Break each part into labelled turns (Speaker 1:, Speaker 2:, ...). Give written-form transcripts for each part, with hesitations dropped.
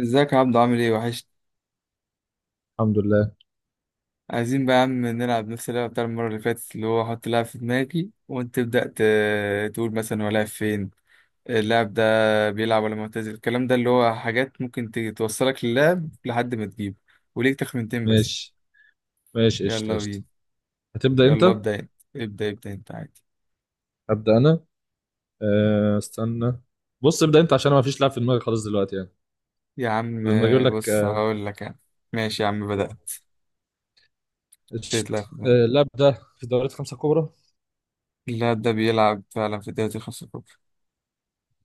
Speaker 1: ازيك يا عبدو؟ عامل ايه؟ وحش.
Speaker 2: الحمد لله.
Speaker 1: عايزين بقى يا عم نلعب نفس اللعبة بتاع المرة اللي فاتت، اللي هو احط لاعب في دماغي وانت تبدأ تقول مثلا هو لاعب فين. اللاعب ده بيلعب ولا معتزل، الكلام ده اللي هو حاجات ممكن توصلك للاعب لحد ما تجيبه. وليك تخمينتين بس.
Speaker 2: ماشي، ماشي قشطة
Speaker 1: يلا
Speaker 2: قشطة.
Speaker 1: بينا.
Speaker 2: هتبدأ أنت.
Speaker 1: يلا ابدأ انت. ابدأ ابدأ انت عادي
Speaker 2: هبدأ أنا. استنى. بص، ابدأ أنت عشان ما فيش لاعب في دماغي خالص دلوقتي يعني.
Speaker 1: يا عم.
Speaker 2: لما أجيب لك
Speaker 1: بص هقول لك انا. ماشي يا عم، بدأت. تطلع
Speaker 2: قشطة.
Speaker 1: في دماغي.
Speaker 2: أه، اللاعب ده في دوريات خمسة كبرى؟
Speaker 1: اللاعب ده بيلعب فعلا في الدوري الخمسة الكبرى.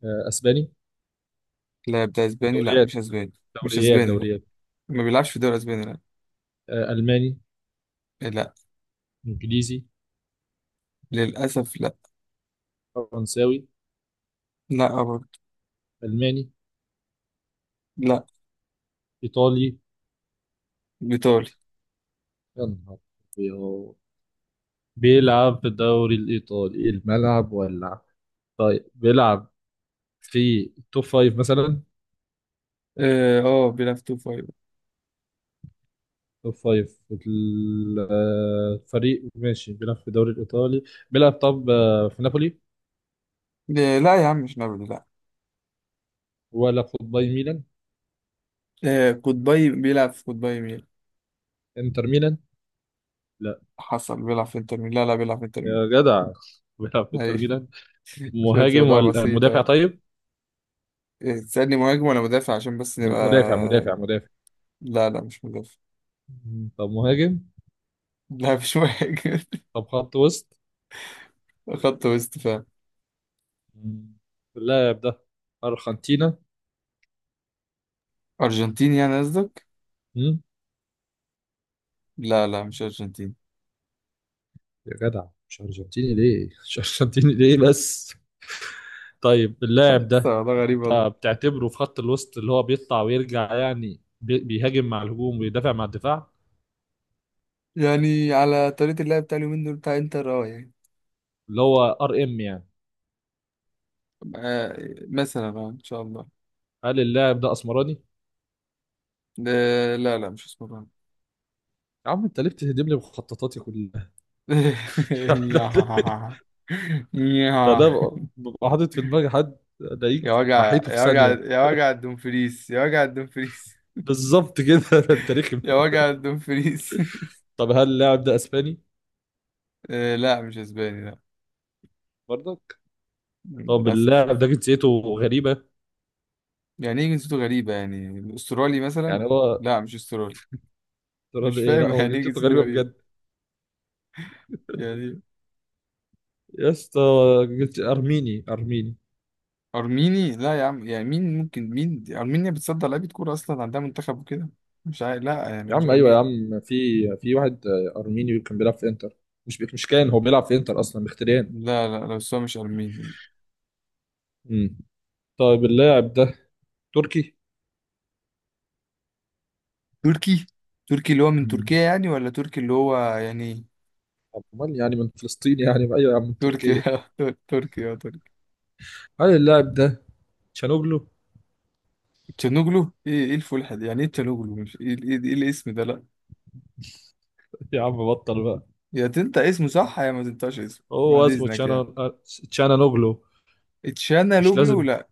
Speaker 2: أه، أسباني؟
Speaker 1: اللاعب ده اسباني؟ لا
Speaker 2: دوريات
Speaker 1: مش اسباني. مش اسباني لا.
Speaker 2: دوريات؟
Speaker 1: ما بيلعبش في الدوري الاسباني لا.
Speaker 2: أه، ألماني؟
Speaker 1: لا.
Speaker 2: إنجليزي؟
Speaker 1: للأسف لا.
Speaker 2: فرنساوي؟
Speaker 1: لا برضه.
Speaker 2: ألماني؟
Speaker 1: لا.
Speaker 2: إيطالي؟
Speaker 1: بيطالي.
Speaker 2: يا نهار أبيض. بيلعب في الدوري الإيطالي، الملعب ولع. طيب بيلعب في توب فايف مثلا؟
Speaker 1: بيلعب تو فايف.
Speaker 2: توب فايف فريق ماشي بيلعب في الدوري الإيطالي. بيلعب طب في نابولي؟
Speaker 1: لا لا يا عم، مش نابولي لا.
Speaker 2: ولا في باي ميلان؟
Speaker 1: آه، قطبي، بيلعب في قطبي ميل.
Speaker 2: انتر ميلان؟ لا.
Speaker 1: حصل، بيلعب في انتر ميل. لا لا، بيلعب في انتر ميل.
Speaker 2: يا جدع بيلعب في انتر
Speaker 1: ايوه.
Speaker 2: ميلان.
Speaker 1: شوية
Speaker 2: مهاجم
Speaker 1: رياضة
Speaker 2: ولا مدافع
Speaker 1: بسيطة.
Speaker 2: طيب؟
Speaker 1: إيه، تسألني مهاجم ولا مدافع عشان بس نبقى.
Speaker 2: مدافع مدافع مدافع.
Speaker 1: لا لا مش مدافع.
Speaker 2: طب مهاجم.
Speaker 1: لا مش مهاجم.
Speaker 2: طب خط وسط.
Speaker 1: خط وسط فاهم.
Speaker 2: مم، اللاعب ده أرجنتينا؟
Speaker 1: أرجنتيني يعني قصدك؟
Speaker 2: مم،
Speaker 1: لا لا مش أرجنتيني.
Speaker 2: يا جدع، مش أرجنتيني ليه مش أرجنتيني ليه بس. طيب اللاعب
Speaker 1: بس
Speaker 2: ده
Speaker 1: والله غريب والله.
Speaker 2: فبتعتبره في خط الوسط، اللي هو بيطلع ويرجع يعني، بيهاجم مع الهجوم ويدافع مع الدفاع.
Speaker 1: يعني على طريقة اللعب بتاع اليومين دول بتاع انتر يعني.
Speaker 2: اللي هو ار ام يعني.
Speaker 1: آه، مثلا ان شاء الله.
Speaker 2: هل اللاعب ده اسمراني؟
Speaker 1: لا لا مش اسمه بقى.
Speaker 2: يا عم انت ليه بتهدم لي مخططاتي كلها؟ يعني
Speaker 1: يا
Speaker 2: انا
Speaker 1: يا
Speaker 2: ببقى حاطط في دماغي حد الاقيك
Speaker 1: يا وجع،
Speaker 2: محيته في
Speaker 1: يا وجع،
Speaker 2: ثانيه.
Speaker 1: يا وجع الدومفريس، يا وجع الدومفريس،
Speaker 2: بالظبط كده ده انت رخم.
Speaker 1: يا وجع الدومفريس.
Speaker 2: طب هل اللاعب ده اسباني
Speaker 1: آه، لا مش اسباني لا.
Speaker 2: برضك؟ طب
Speaker 1: للاسف
Speaker 2: اللاعب
Speaker 1: شوف.
Speaker 2: ده جنسيته غريبه.
Speaker 1: يعني ايه جنسيته غريبه؟ يعني استرالي مثلا؟
Speaker 2: يعني هو
Speaker 1: لا مش استرالي. مش
Speaker 2: ترى إيه؟
Speaker 1: فاهم
Speaker 2: لا، هو
Speaker 1: يعني ايه
Speaker 2: جنسيته
Speaker 1: جنسيته
Speaker 2: غريبه
Speaker 1: غريبه؟
Speaker 2: بجد.
Speaker 1: يعني إيه؟
Speaker 2: يا اسطى، ارميني ارميني.
Speaker 1: ارميني؟ لا يا عم، يعني مين ممكن مين دي؟ ارمينيا بتصدر لعيبه كوره؟ اصلا عندها منتخب وكده؟ مش عارف، لا يعني
Speaker 2: يا
Speaker 1: مش
Speaker 2: عم ايوه يا
Speaker 1: ارميني.
Speaker 2: عم، في في واحد ارميني كان بيلعب في انتر. مش مش كان هو بيلعب في انتر اصلا، مختريان.
Speaker 1: لا لا لا بس هو مش ارميني.
Speaker 2: امم. طيب اللاعب ده تركي.
Speaker 1: تركي. تركي اللي هو من
Speaker 2: امم.
Speaker 1: تركيا يعني ولا تركي اللي هو يعني.
Speaker 2: امال يعني من فلسطين؟ يعني ايوه يا عم، من تركيا.
Speaker 1: تركيا. تركيا تركي.
Speaker 2: هل اللاعب ده تشانوغلو؟
Speaker 1: تشانوغلو؟ ايه الفلحة دي؟ يعني ايه تشانوغلو؟ مش إيه الاسم ده؟ لا.
Speaker 2: يا عم بطل بقى.
Speaker 1: يا تنطق اسمه صح يا ما تنطقش اسمه
Speaker 2: هو
Speaker 1: بعد
Speaker 2: اسمه
Speaker 1: اذنك
Speaker 2: تشانا
Speaker 1: يعني.
Speaker 2: آه، تشانانوغلو. مش
Speaker 1: اتشانالوجلو؟
Speaker 2: لازم.
Speaker 1: لا.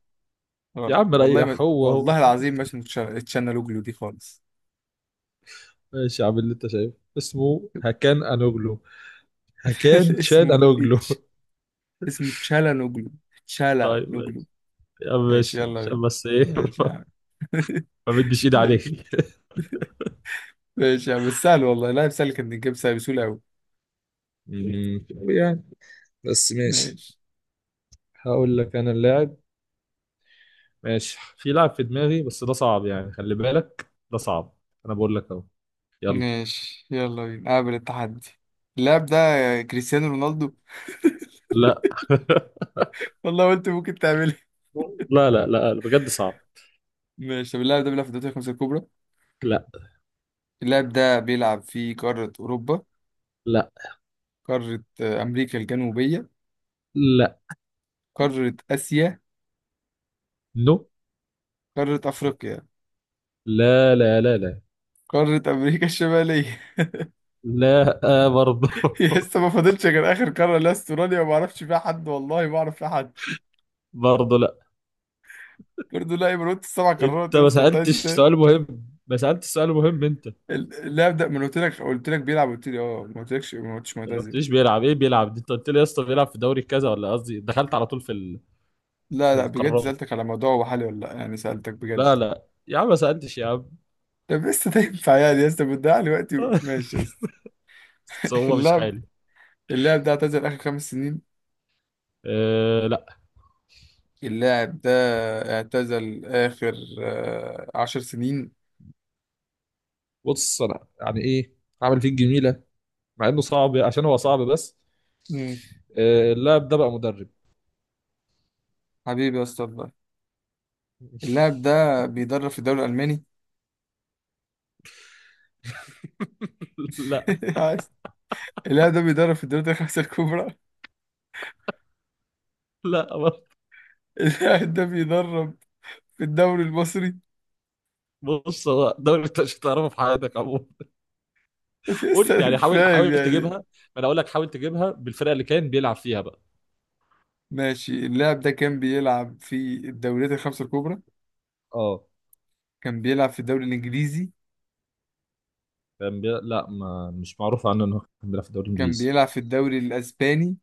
Speaker 2: يا
Speaker 1: غلط،
Speaker 2: عم
Speaker 1: والله
Speaker 2: ريح،
Speaker 1: ما،
Speaker 2: هو هو.
Speaker 1: والله العظيم ما اسمه اتشانالوجلو دي خالص.
Speaker 2: ماشي يا عم، اللي انت شايفه اسمه هكان انوغلو، هكان تشان
Speaker 1: اسمه
Speaker 2: انوغلو.
Speaker 1: اتش اسمه تشالانوجلو
Speaker 2: طيب ماشي.
Speaker 1: تشالانوجلو
Speaker 2: يا عم
Speaker 1: ماشي
Speaker 2: ماشي
Speaker 1: يلا بينا.
Speaker 2: عشان بس ايه
Speaker 1: ماشي يا عم.
Speaker 2: ما بديش ايد
Speaker 1: ماشي.
Speaker 2: عليك.
Speaker 1: ماشي يا عم، بس سهل والله، لا سهل كان يتجاب، سهل بسهولة أوي.
Speaker 2: يعني بس ماشي.
Speaker 1: ماشي.
Speaker 2: هقول لك انا اللاعب. ماشي، في لاعب في دماغي بس ده صعب يعني، خلي بالك ده صعب. انا بقول لك اهو. يلا.
Speaker 1: ماشي يلا بينا، قابل التحدي. اللاعب ده كريستيانو رونالدو؟
Speaker 2: لا
Speaker 1: والله قلت ممكن تعملها.
Speaker 2: لا، لا، لا، بجد صعب.
Speaker 1: ماشي. طب اللاعب ده بيلعب في الدوري الخمسة الكبرى؟
Speaker 2: لا.
Speaker 1: اللاعب ده بيلعب في قارة أوروبا؟
Speaker 2: لا.
Speaker 1: قارة أمريكا الجنوبية؟
Speaker 2: لا.
Speaker 1: قارة آسيا؟
Speaker 2: نو.
Speaker 1: قارة أفريقيا؟
Speaker 2: لا، لا، لا، لا.
Speaker 1: قارة أمريكا الشمالية؟
Speaker 2: لا برضه.
Speaker 1: يا اسطى، ما فاضلش غير آخر قارة اللي هي استراليا وما أعرفش فيها حد، والله ما أعرف فيها حد.
Speaker 2: برضه لا.
Speaker 1: برضه لا؟ من قلت السبع قارات
Speaker 2: انت
Speaker 1: يا
Speaker 2: ما
Speaker 1: اسطى، أنت عايز
Speaker 2: سألتش
Speaker 1: إيه تاني؟
Speaker 2: سؤال مهم، ما سألتش سؤال مهم انت.
Speaker 1: اللاعب ده؟ ما أنا قلت لك بيلعب، قلت لي اه، ما قلتلكش ما قلتش
Speaker 2: ما
Speaker 1: معتزل.
Speaker 2: قلتليش بيلعب ايه، بيلعب دي انت قلت لي يا اسطى بيلعب في دوري كذا، ولا قصدي دخلت على طول في ال...
Speaker 1: لا
Speaker 2: في
Speaker 1: لا بجد،
Speaker 2: القارات.
Speaker 1: سألتك على موضوع هو حالي ولا لا، يعني سألتك
Speaker 2: لا،
Speaker 1: بجد.
Speaker 2: لا يا عم ما سألتش يا عم.
Speaker 1: طب لسه ده ينفع يعني يا اسطى؟ بتضيع لي وقتي ماشي يا اسطى.
Speaker 2: بس هو مش
Speaker 1: اللاعب
Speaker 2: حالي.
Speaker 1: اللاعب ده اعتزل آخر 5 سنين؟
Speaker 2: أه لا.
Speaker 1: اللاعب ده اعتزل آخر 10 سنين؟
Speaker 2: بص انا يعني ايه، عامل فيك جميله مع انه صعب عشان هو صعب بس.
Speaker 1: مم.
Speaker 2: اللاعب ده بقى مدرب.
Speaker 1: حبيبي يا اسطى والله. اللاعب ده بيدرب في الدوري الألماني؟
Speaker 2: لا.
Speaker 1: عايز- اللاعب ده بيدرب في الدوري الخمسة الكبرى؟
Speaker 2: لا.
Speaker 1: اللاعب ده بيدرب في الدوري المصري؟
Speaker 2: بص هو دوري انت مش هتعرفه في حياتك عموما.
Speaker 1: يا اسطى
Speaker 2: قول
Speaker 1: أنا
Speaker 2: يعني،
Speaker 1: مش
Speaker 2: حاول
Speaker 1: فاهم
Speaker 2: حاول تجيبها
Speaker 1: يعني.
Speaker 2: ما. انا اقول لك حاول تجيبها بالفرقه اللي كان بيلعب فيها بقى.
Speaker 1: ماشي. اللاعب ده كان بيلعب في الدوريات الخمسة الكبرى؟
Speaker 2: اه.
Speaker 1: كان بيلعب في الدوري الإنجليزي؟
Speaker 2: كان بي... لا ما مش معروف عنه انه كان بيلعب في الدوري
Speaker 1: كان
Speaker 2: الانجليزي.
Speaker 1: بيلعب في الدوري الأسباني؟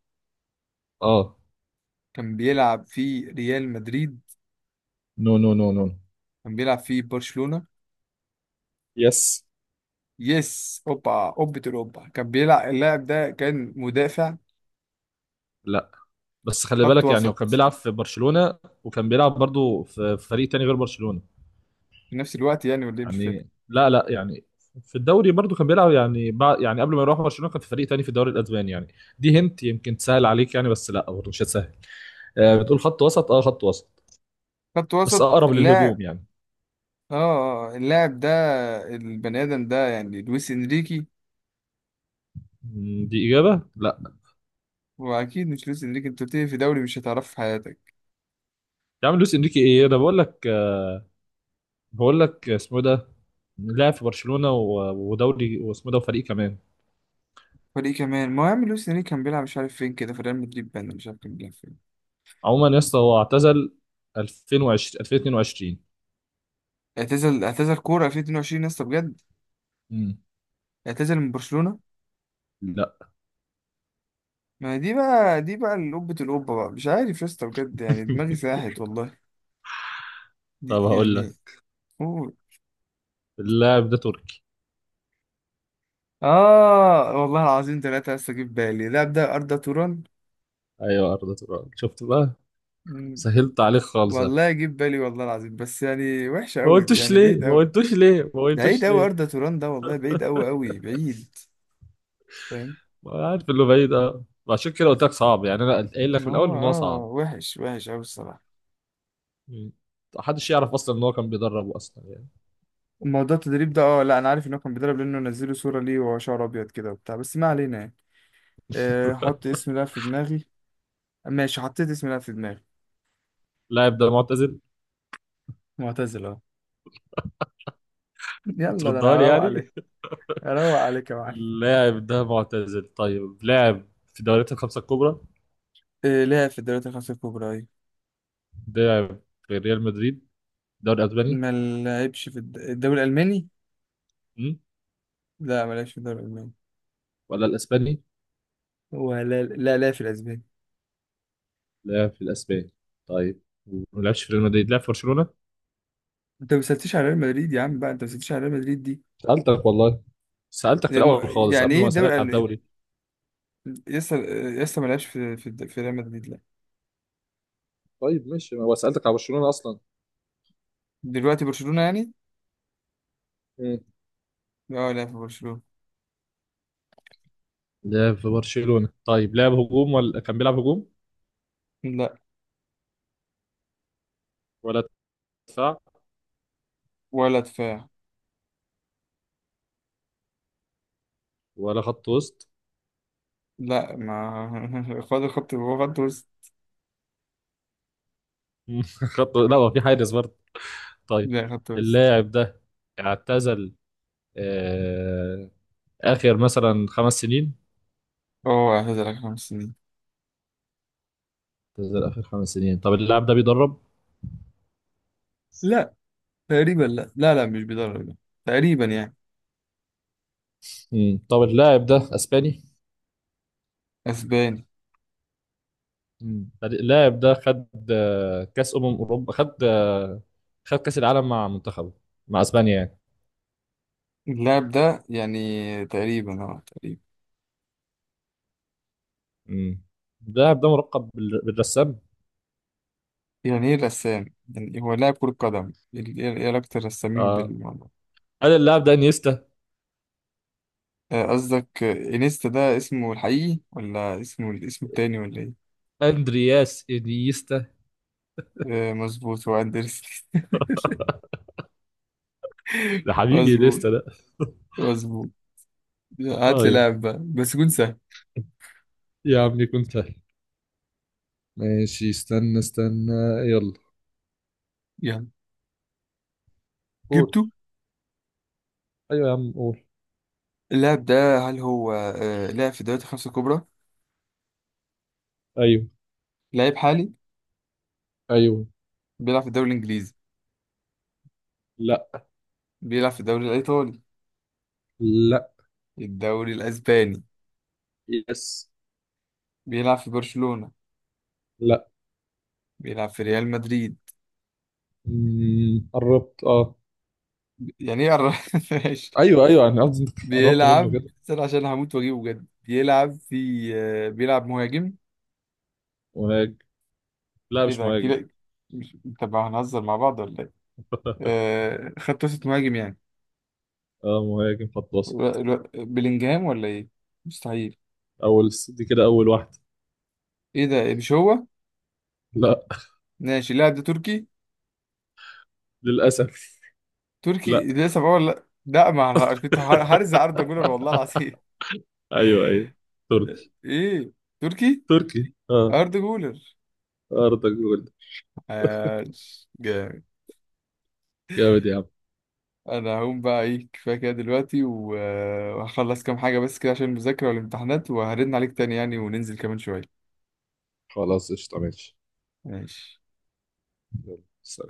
Speaker 2: اه.
Speaker 1: كان بيلعب في ريال مدريد؟
Speaker 2: نو نو نو نو.
Speaker 1: كان بيلعب في برشلونة؟
Speaker 2: يس.
Speaker 1: يس، أوبا أوبة الأوبا. كان بيلعب اللاعب ده كان مدافع؟
Speaker 2: لا بس خلي
Speaker 1: خط
Speaker 2: بالك يعني، هو
Speaker 1: وسط؟
Speaker 2: كان بيلعب في برشلونة وكان بيلعب برضو في في فريق تاني غير برشلونة.
Speaker 1: في نفس الوقت يعني ولا إيه، مش فاهم.
Speaker 2: يعني لا لا، يعني في الدوري برضو كان بيلعب يعني بعد، يعني قبل ما يروح برشلونة كان في فريق تاني في الدوري الاسباني يعني. دي هنت يمكن تسهل عليك يعني، بس لا برضو مش هتسهل. آه بتقول خط وسط، اه خط وسط.
Speaker 1: خط
Speaker 2: بس
Speaker 1: وسط
Speaker 2: اقرب
Speaker 1: اللاعب.
Speaker 2: للهجوم يعني.
Speaker 1: اللاعب ده، البني آدم ده يعني لويس إنريكي؟
Speaker 2: مم. دي اجابة لا.
Speaker 1: وأكيد مش لويس إنريكي، أنت بتيجي في دوري مش هتعرفه في حياتك.
Speaker 2: يا عم لويس انريكي ايه، انا بقول لك بقول لك اسمه إيه ده. لعب في برشلونة ودوري واسمه إيه ده وفريق كمان.
Speaker 1: فريق كمان، ما هو يا عم لويس إنريكي كان بيلعب مش عارف فين، كده في ريال مدريد بان، مش عارف كان بيلعب فين.
Speaker 2: عموما يا اسطى هو اعتزل 2020 2022.
Speaker 1: اعتزل كورة 2022 يا اسطى بجد؟
Speaker 2: مم.
Speaker 1: اعتزل من برشلونة؟
Speaker 2: لا
Speaker 1: ما هي دي بقى، دي بقى القبة، القبة بقى، مش عارف يا اسطى بجد، يعني دماغي ساحت والله. دي
Speaker 2: طب هقول
Speaker 1: يعني.
Speaker 2: لك
Speaker 1: قول.
Speaker 2: اللاعب ده تركي.
Speaker 1: اه، والله العظيم ثلاثة يا اسطى، جيب بالي، لا ده أردا توران.
Speaker 2: ايوه، ارض تراب، شفت بقى.
Speaker 1: مم.
Speaker 2: سهلت عليك خالص أنا.
Speaker 1: والله جيب بالي والله العظيم، بس يعني وحشة
Speaker 2: ما
Speaker 1: قوي
Speaker 2: قلتوش
Speaker 1: يعني،
Speaker 2: ليه،
Speaker 1: بعيد
Speaker 2: ما
Speaker 1: قوي.
Speaker 2: قلتوش ليه، ما
Speaker 1: بعيد
Speaker 2: قلتوش
Speaker 1: قوي،
Speaker 2: ليه.
Speaker 1: أردا توران ده والله بعيد قوي قوي بعيد. فاهم.
Speaker 2: ما عارف اللي بعيد اه. عشان كده قلت لك صعب يعني، انا قايل لك
Speaker 1: ما
Speaker 2: من الاول
Speaker 1: هو
Speaker 2: ان هو صعب.
Speaker 1: وحش وحش قوي الصراحة.
Speaker 2: مم. محدش يعرف اصلا ان هو كان بيدربه اصلا يعني.
Speaker 1: موضوع التدريب ده لا انا عارف ان هو كان بيدرب، لانه نزلوا صورة ليه وهو شعره ابيض كده وبتاع، بس ما علينا يعني. آه، حط اسم لاعب في دماغي. ماشي، حطيت اسم لاعب في دماغي.
Speaker 2: اللاعب ده معتزل.
Speaker 1: معتزل اه. يلا ده
Speaker 2: بتردها
Speaker 1: انا
Speaker 2: لي
Speaker 1: هروق عليك.
Speaker 2: يعني.
Speaker 1: هروق عليك يا معلم.
Speaker 2: اللاعب ده معتزل، طيب. لاعب في دوريات الخمسة الكبرى؟
Speaker 1: آه، لعب في الدوريات الخمسة الكبرى أيوة.
Speaker 2: لاعب في ريال مدريد؟ الدوري الاسباني؟
Speaker 1: ما لعبش في الدوري الألماني؟
Speaker 2: مم؟
Speaker 1: لا ما لعبش في الدوري الألماني.
Speaker 2: ولا الاسباني؟
Speaker 1: ولا. لا لا في الأسباني.
Speaker 2: لعب في الاسبان. طيب، وما لعبش في ريال مدريد، لعب في برشلونه.
Speaker 1: أنت ما سألتش على ريال مدريد يا عم بقى، أنت ما سألتش على ريال مدريد دي.
Speaker 2: سالتك والله، سالتك في الاول خالص
Speaker 1: يعني
Speaker 2: قبل
Speaker 1: إيه
Speaker 2: ما
Speaker 1: الدوري
Speaker 2: اسالك على
Speaker 1: الأل-
Speaker 2: الدوري.
Speaker 1: لسه لسه ما لعبش في في ريال مدريد لا.
Speaker 2: طيب ماشي، ما هو سالتك على برشلونه اصلا.
Speaker 1: دلوقتي برشلونة يعني.
Speaker 2: مم.
Speaker 1: لا لا في برشلونة.
Speaker 2: لعب في برشلونه. طيب لعب هجوم، ولا كان بيلعب هجوم
Speaker 1: لا.
Speaker 2: ولا دفاع
Speaker 1: ولا دفاع.
Speaker 2: ولا خط وسط.
Speaker 1: لا ما خد الخط، هو خط وسط.
Speaker 2: خط لا، هو في حارس برضه. طيب
Speaker 1: لا خدت بس.
Speaker 2: اللاعب ده اعتزل آه... اخر مثلا 5 سنين.
Speaker 1: هو اعتزل آخر 5 سنين.
Speaker 2: اعتزل اخر 5 سنين. طب اللاعب ده بيدرب؟
Speaker 1: لا تقريبا، لا لا لا مش بيدرب لا. تقريبا يعني.
Speaker 2: مم. طب اللاعب ده اسباني.
Speaker 1: اسباني.
Speaker 2: مم. فريق- اللاعب ده خد كاس اوروبا، خد خد كاس العالم مع منتخبه مع اسبانيا يعني.
Speaker 1: اللاعب ده يعني تقريبا تقريبا.
Speaker 2: مم. اللاعب ده ملقب بالرسام.
Speaker 1: يعني ايه رسام؟ يعني هو لاعب كرة قدم إيه علاقة الرسامين
Speaker 2: اه.
Speaker 1: بالموضوع؟
Speaker 2: قال اللاعب ده انيستا.
Speaker 1: آه، قصدك انيستا ده اسمه الحقيقي ولا اسمه الاسم التاني ولا ايه؟
Speaker 2: اندرياس انيستا.
Speaker 1: آه، مظبوط، هو اندرسون.
Speaker 2: ده حبيبي
Speaker 1: مظبوط.
Speaker 2: انيستا ده.
Speaker 1: مظبوط. هات لي
Speaker 2: طيب.
Speaker 1: لاعب بقى بس يكون سهل
Speaker 2: يا عم يكون سهل. ماشي، استنى استنى. يلا.
Speaker 1: يعني.
Speaker 2: قول.
Speaker 1: جبته؟
Speaker 2: ايوه يا عم قول.
Speaker 1: اللاعب ده هل هو لاعب في الدوريات الخمسة الكبرى؟
Speaker 2: ايوه
Speaker 1: لعيب حالي؟
Speaker 2: ايوه.
Speaker 1: بيلعب في الدوري الإنجليزي؟
Speaker 2: لا.
Speaker 1: بيلعب في الدوري الإيطالي؟
Speaker 2: لا.
Speaker 1: الدوري الأسباني؟
Speaker 2: يس.
Speaker 1: بيلعب في برشلونة؟
Speaker 2: لا.
Speaker 1: بيلعب في ريال مدريد؟
Speaker 2: مم. قربت اه.
Speaker 1: يعني إيه ماشي.
Speaker 2: ايوه ايوه، انا قصدي إنك قربت منه
Speaker 1: بيلعب، استنى عشان هموت وأجيبه بجد، بيلعب في بيلعب مهاجم؟
Speaker 2: كده. لا
Speaker 1: إيه
Speaker 2: مش
Speaker 1: ده
Speaker 2: مهاجم.
Speaker 1: كده، مش، طب هنهزر مع بعض ولا إيه؟ آه، خط وسط مهاجم يعني.
Speaker 2: اه مهاجم خط وسط.
Speaker 1: بلينجهام ولا إيه؟ مستحيل.
Speaker 2: اول دي كده اول واحده.
Speaker 1: إيه ده، إيه، مش هو؟
Speaker 2: لا.
Speaker 1: ماشي. اللاعب ده تركي؟
Speaker 2: للاسف لا.
Speaker 1: تركي ده لسه بقول، لا لا ما أنا كنت هرزع أردا جولر والله العظيم.
Speaker 2: ايوه ايوه. تركي.
Speaker 1: ايه. تركي.
Speaker 2: تركي اه.
Speaker 1: ارض جولر.
Speaker 2: ارضك جولد.
Speaker 1: عاش جامد.
Speaker 2: جامد يا عم.
Speaker 1: انا هقوم بقى، ايه كفايه كده دلوقتي وهخلص كام حاجه بس كده عشان المذاكره والامتحانات، وهرن عليك تاني يعني وننزل كمان شويه.
Speaker 2: خلاص قشطة ماشي.
Speaker 1: ماشي.
Speaker 2: سلام.